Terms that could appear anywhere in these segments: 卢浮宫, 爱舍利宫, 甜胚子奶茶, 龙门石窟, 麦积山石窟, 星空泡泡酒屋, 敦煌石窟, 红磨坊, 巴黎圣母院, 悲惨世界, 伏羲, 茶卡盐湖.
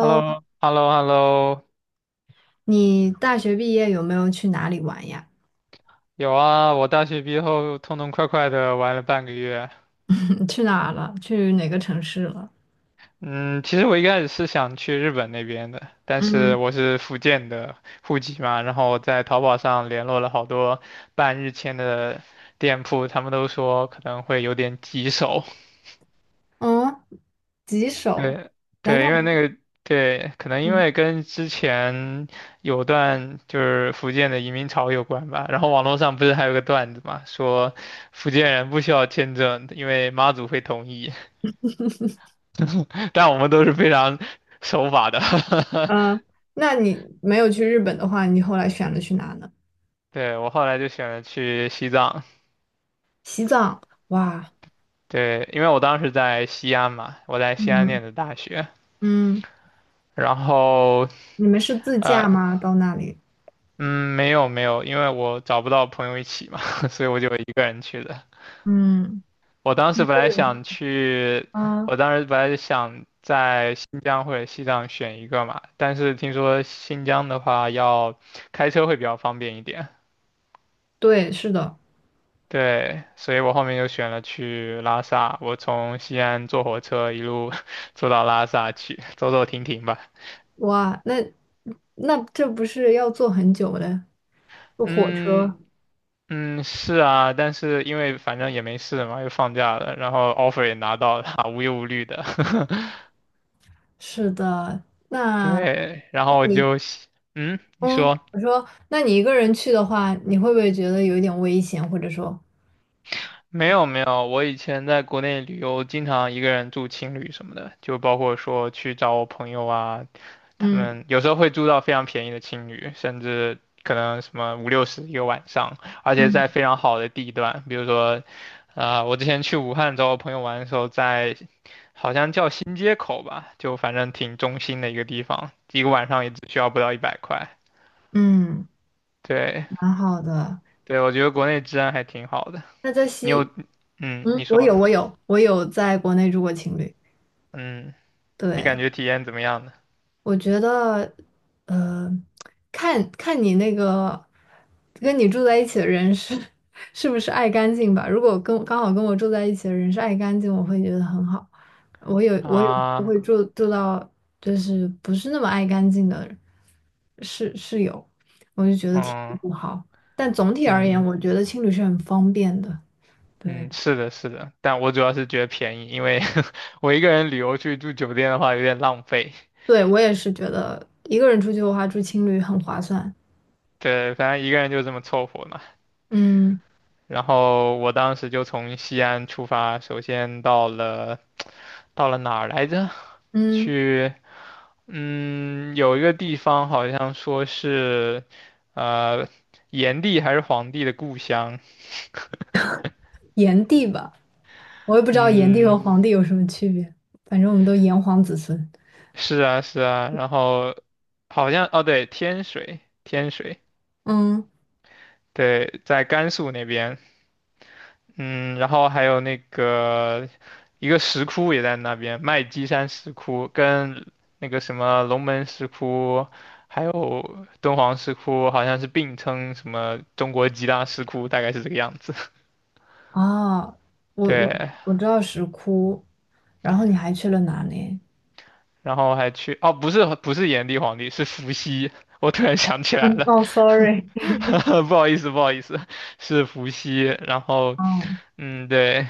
h e l l o h e l l o h e l l o 你大学毕业有没有去哪里玩呀？有啊，我大学毕业后痛痛快快的玩了半个月。去哪儿了？去哪个城市了？嗯，其实我一开始是想去日本那边的，但是嗯我是福建的户籍嘛，然后我在淘宝上联络了好多办日签的店铺，他们都说可能会有点棘手，哦，吉首？对难对，道因为不？那个对，可能因嗯，为跟之前有段就是福建的移民潮有关吧。然后网络上不是还有个段子嘛，说福建人不需要签证，因为妈祖会同意。但我们都是非常守法的。呃那你没有去日本的话，你后来选了去哪呢？对，我后来就选了去西藏，西藏。哇，对，因为我当时在西安嘛，我在西安嗯念的大学。嗯，然后你们是自驾呃，吗？到那里？嗯，没有没有，因为我找不到朋友一起嘛，所以我就一个人去的。嗯我当时本来想去，啊，我当时本来是想在新疆或者西藏选一个嘛，但是听说新疆的话要开车会比较方便一点，对，是的。对，所以我后面就选了去拉萨，我从西安坐火车一路 坐到拉萨去，走走停停吧。哇，那那这不是要坐很久的？坐火嗯车，嗯，是啊，但是因为反正也没事嘛，又放假了，然后 offer 也拿到了，无忧无虑的，是的。那对，然那后我你就，嗯，你嗯，说。我说，那你一个人去的话，你会不会觉得有一点危险，或者说，没有没有，我以前在国内旅游，经常一个人住青旅什么的，就包括说去找我朋友啊，他嗯们有时候会住到非常便宜的青旅，甚至可能什么五六十一个晚上，而且嗯在非常好的地段，比如说，我之前去武汉找我朋友玩的时候在，好像叫新街口吧，就反正挺中心的一个地方，一个晚上也只需要不到100块。嗯，对蛮好的。对，我觉得国内治安还挺好的。那在你有，西，嗯，嗯，你我说，有，我有，我有在国内住过情侣，嗯。你感对。觉体验怎么样呢？我觉得，呃，看看你那个跟你住在一起的人是 是不是爱干净吧。如果跟刚好跟我住在一起的人是爱干净，我会觉得很好。我啊，会住到就是不是那么爱干净的室友，我就觉得挺嗯不好。但总体而言，嗯我觉得青旅是很方便的。对，嗯，是的，是的，但我主要是觉得便宜，因为 我一个人旅游去住酒店的话有点浪费。对我也是觉得一个人出去的话，住青旅很划算。对，反正一个人就这么凑合嘛。嗯然后我当时就从西安出发，首先到了哪儿来着？嗯，去，有一个地方好像说是，呃，炎帝还是黄帝的故乡，炎帝吧。我也不知道炎帝嗯。和黄帝有什么区别，反正我们都炎黄子孙。是啊，是啊，然后好像哦，对，天水，天水，嗯，对，在甘肃那边，嗯，然后还有那个一个石窟也在那边，麦积山石窟跟那个什么龙门石窟，还有敦煌石窟，好像是并称什么中国几大石窟，大概是这个样子。啊，我我对，我知道石窟，然后你还去了哪里？然后还去哦，不是不是炎帝皇帝，是伏羲。我突然想起来嗯了，哦，sorry，不好意思不好意思，是伏羲。然后哦，对，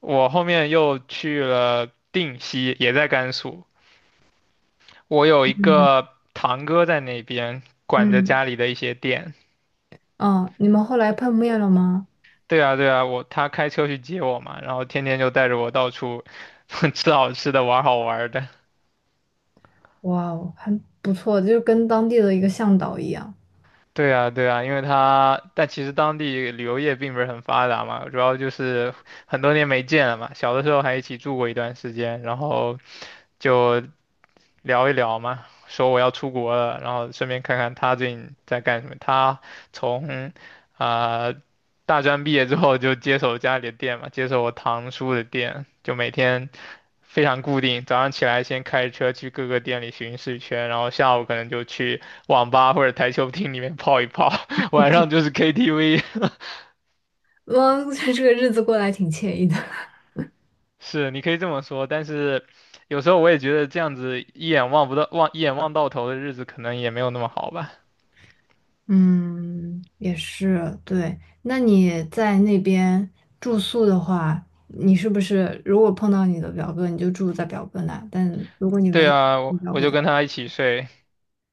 我后面又去了定西，也在甘肃。我有一嗯个堂哥在那边管着嗯，家里的一些店。哦，你们后来碰面了吗？对啊对啊，他开车去接我嘛，然后天天就带着我到处 吃好吃的，玩好玩的。哇哦，还不错，就是跟当地的一个向导一样。对啊，对啊，因为他，但其实当地旅游业并不是很发达嘛，主要就是很多年没见了嘛。小的时候还一起住过一段时间，然后就聊一聊嘛，说我要出国了，然后顺便看看他最近在干什么。他从啊、呃大专毕业之后就接手家里的店嘛，接手我堂叔的店，就每天非常固定，早上起来先开车去各个店里巡视一圈，然后下午可能就去网吧或者台球厅里面泡一泡，晚上就是 KTV。嗯，这个日子过得还挺惬意的。是，你可以这么说，但是有时候我也觉得这样子一眼望不到望一眼望到头的日子可能也没有那么好吧。嗯，也是，对。那你在那边住宿的话，你是不是如果碰到你的表哥，你就住在表哥那？但如果你没对有，啊，你我表我哥就在，跟他一起睡，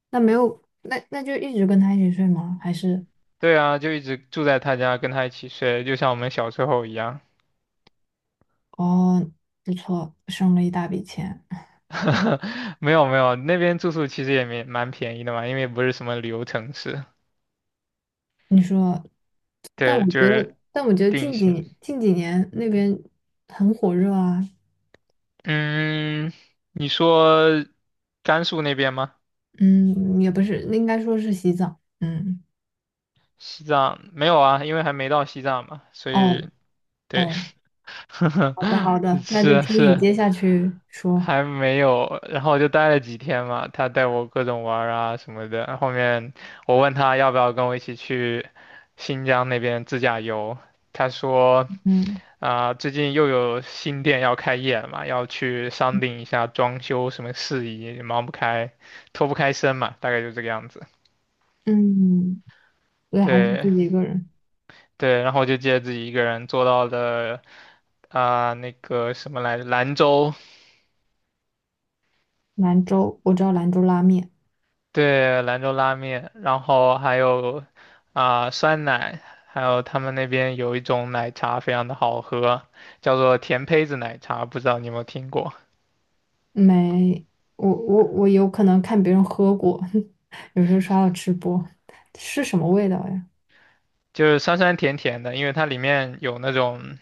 那没有，那就一直跟他一起睡吗？还是对啊，就一直住在他家，跟他一起睡，就像我们小时候一样。哦，不错，省了一大笔钱。没有没有，那边住宿其实也没蛮便宜的嘛，因为不是什么旅游城市，你说，但对，我就觉是得，但我觉得定近性。几近几年那边很火热啊。嗯，你说甘肃那边吗？嗯，也不是，应该说是洗澡。嗯，西藏没有啊，因为还没到西藏嘛，所哦以对，哦。好的，好 的，那就是听你是，接下去说。还没有，然后就待了几天嘛，他带我各种玩儿啊什么的。后面我问他要不要跟我一起去新疆那边自驾游，他说嗯最近又有新店要开业了嘛，要去商定一下装修什么事宜，忙不开，脱不开身嘛，大概就这个样子。嗯，对，还是自对己一个人。对，然后我就借自己一个人坐到了那个什么来着，兰州。兰州，我知道兰州拉面，对，兰州拉面，然后还有酸奶，还有他们那边有一种奶茶非常的好喝，叫做甜胚子奶茶，不知道你有没有听过？没，我有可能看别人喝过，有时候刷到吃播，是什么味道呀？就是酸酸甜甜的，因为它里面有那种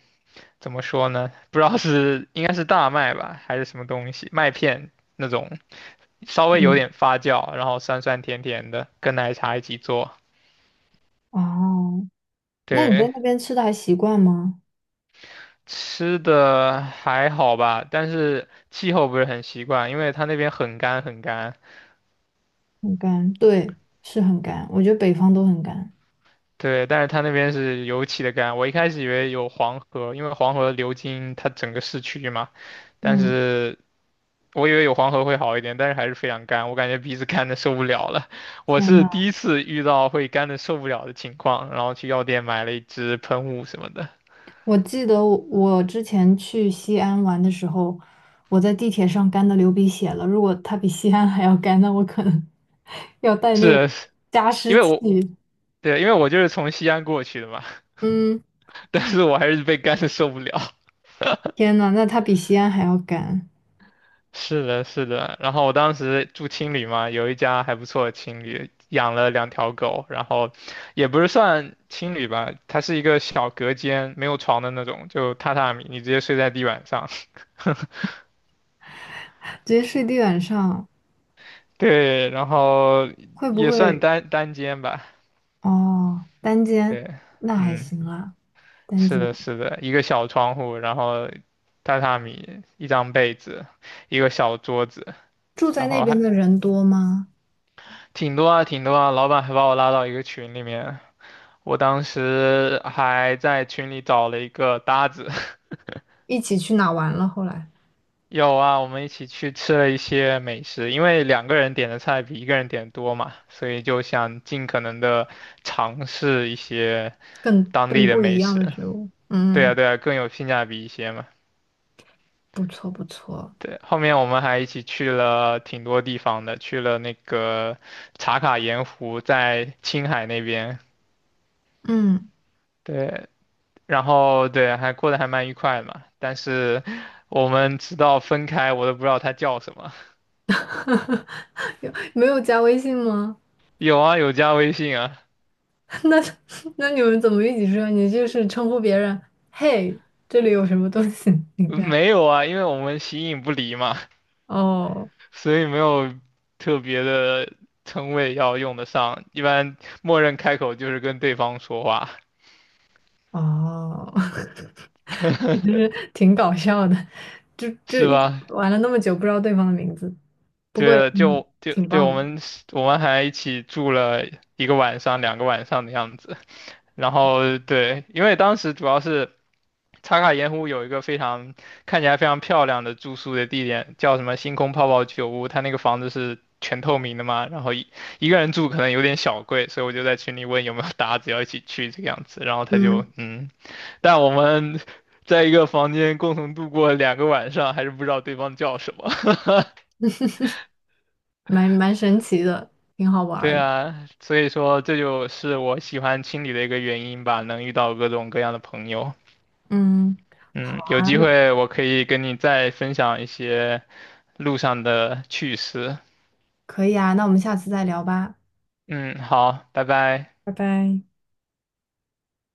怎么说呢？不知道应该是大麦吧，还是什么东西，麦片那种，稍微有嗯，点发酵，然后酸酸甜甜的，跟奶茶一起做。哦，那你在对，那边吃的还习惯吗？吃的还好吧，但是气候不是很习惯，因为它那边很干很干。很干，对，是很干，我觉得北方都很干。对，但是他那边是尤其的干，我一开始以为有黄河，因为黄河流经它整个市区嘛，但嗯，是我以为有黄河会好一点，但是还是非常干，我感觉鼻子干的受不了了。我天是呐。第一次遇到会干的受不了的情况，然后去药店买了一支喷雾什么的，我记得我之前去西安玩的时候，我在地铁上干的流鼻血了。如果它比西安还要干，那我可能 要带那个是加因湿为器。我。对，因为我就是从西安过去的嘛，嗯，但是我还是被干的受不了。天呐，那它比西安还要干，是的，是的。然后我当时住青旅嘛，有一家还不错的青旅，养了两条狗，然后也不是算青旅吧，它是一个小隔间，没有床的那种，就榻榻米，你直接睡在地板上。直接睡地板上 对，然后会不也算会？单间吧。哦，单间对，那还嗯，行啦，单是间。的，是的，一个小窗户，然后榻榻米，一张被子，一个小桌子，住在然那后边还的人多吗？挺多啊，挺多啊。老板还把我拉到一个群里面，我当时还在群里找了一个搭子，一起去哪玩了？后来有啊，我们一起去吃了一些美食，因为两个人点的菜比一个人点多嘛，所以就想尽可能的尝试一些更当地更的不一美样的食。食物。对啊，嗯，对啊，更有性价比一些嘛。不错不错。对，后面我们还一起去了挺多地方的，去了那个茶卡盐湖，在青海那边。嗯。对，然后对，还过得还蛮愉快的嘛。但是我们直到分开，我都不知道他叫什么。有没有加微信吗？有啊，有加微信啊，那那你们怎么一起说？你就是称呼别人，嘿，这里有什么东西？你跟他没有啊，因为我们形影不离嘛，哦所以没有特别的称谓要用得上。一般默认开口就是跟对方说话，哦，我就是挺搞笑的，就就是一吧？玩了那么久，不知道对方的名字，不过也对，挺就挺对，棒我的，们我们还一起住了一个晚上、两个晚上的样子。然后对，因为当时主要是。茶卡盐湖有一个非常看起来非常漂亮的住宿的地点，叫什么星空泡泡酒屋。它那个房子是全透明的嘛，然后一个人住可能有点小贵，所以我就在群里问有没有搭子要一起去这个样子。然后他就嗯，嗯，但我们 在一个房间共同度过两个晚上，还是不知道对方叫什么。蛮神奇的，挺好玩对儿的，啊，所以说这就是我喜欢青旅的一个原因吧，能遇到各种各样的朋友。嗯，好，嗯，有机会我可以跟你再分享一些路上的趣事。可以啊，那我们下次再聊吧，嗯，好，拜拜。拜拜。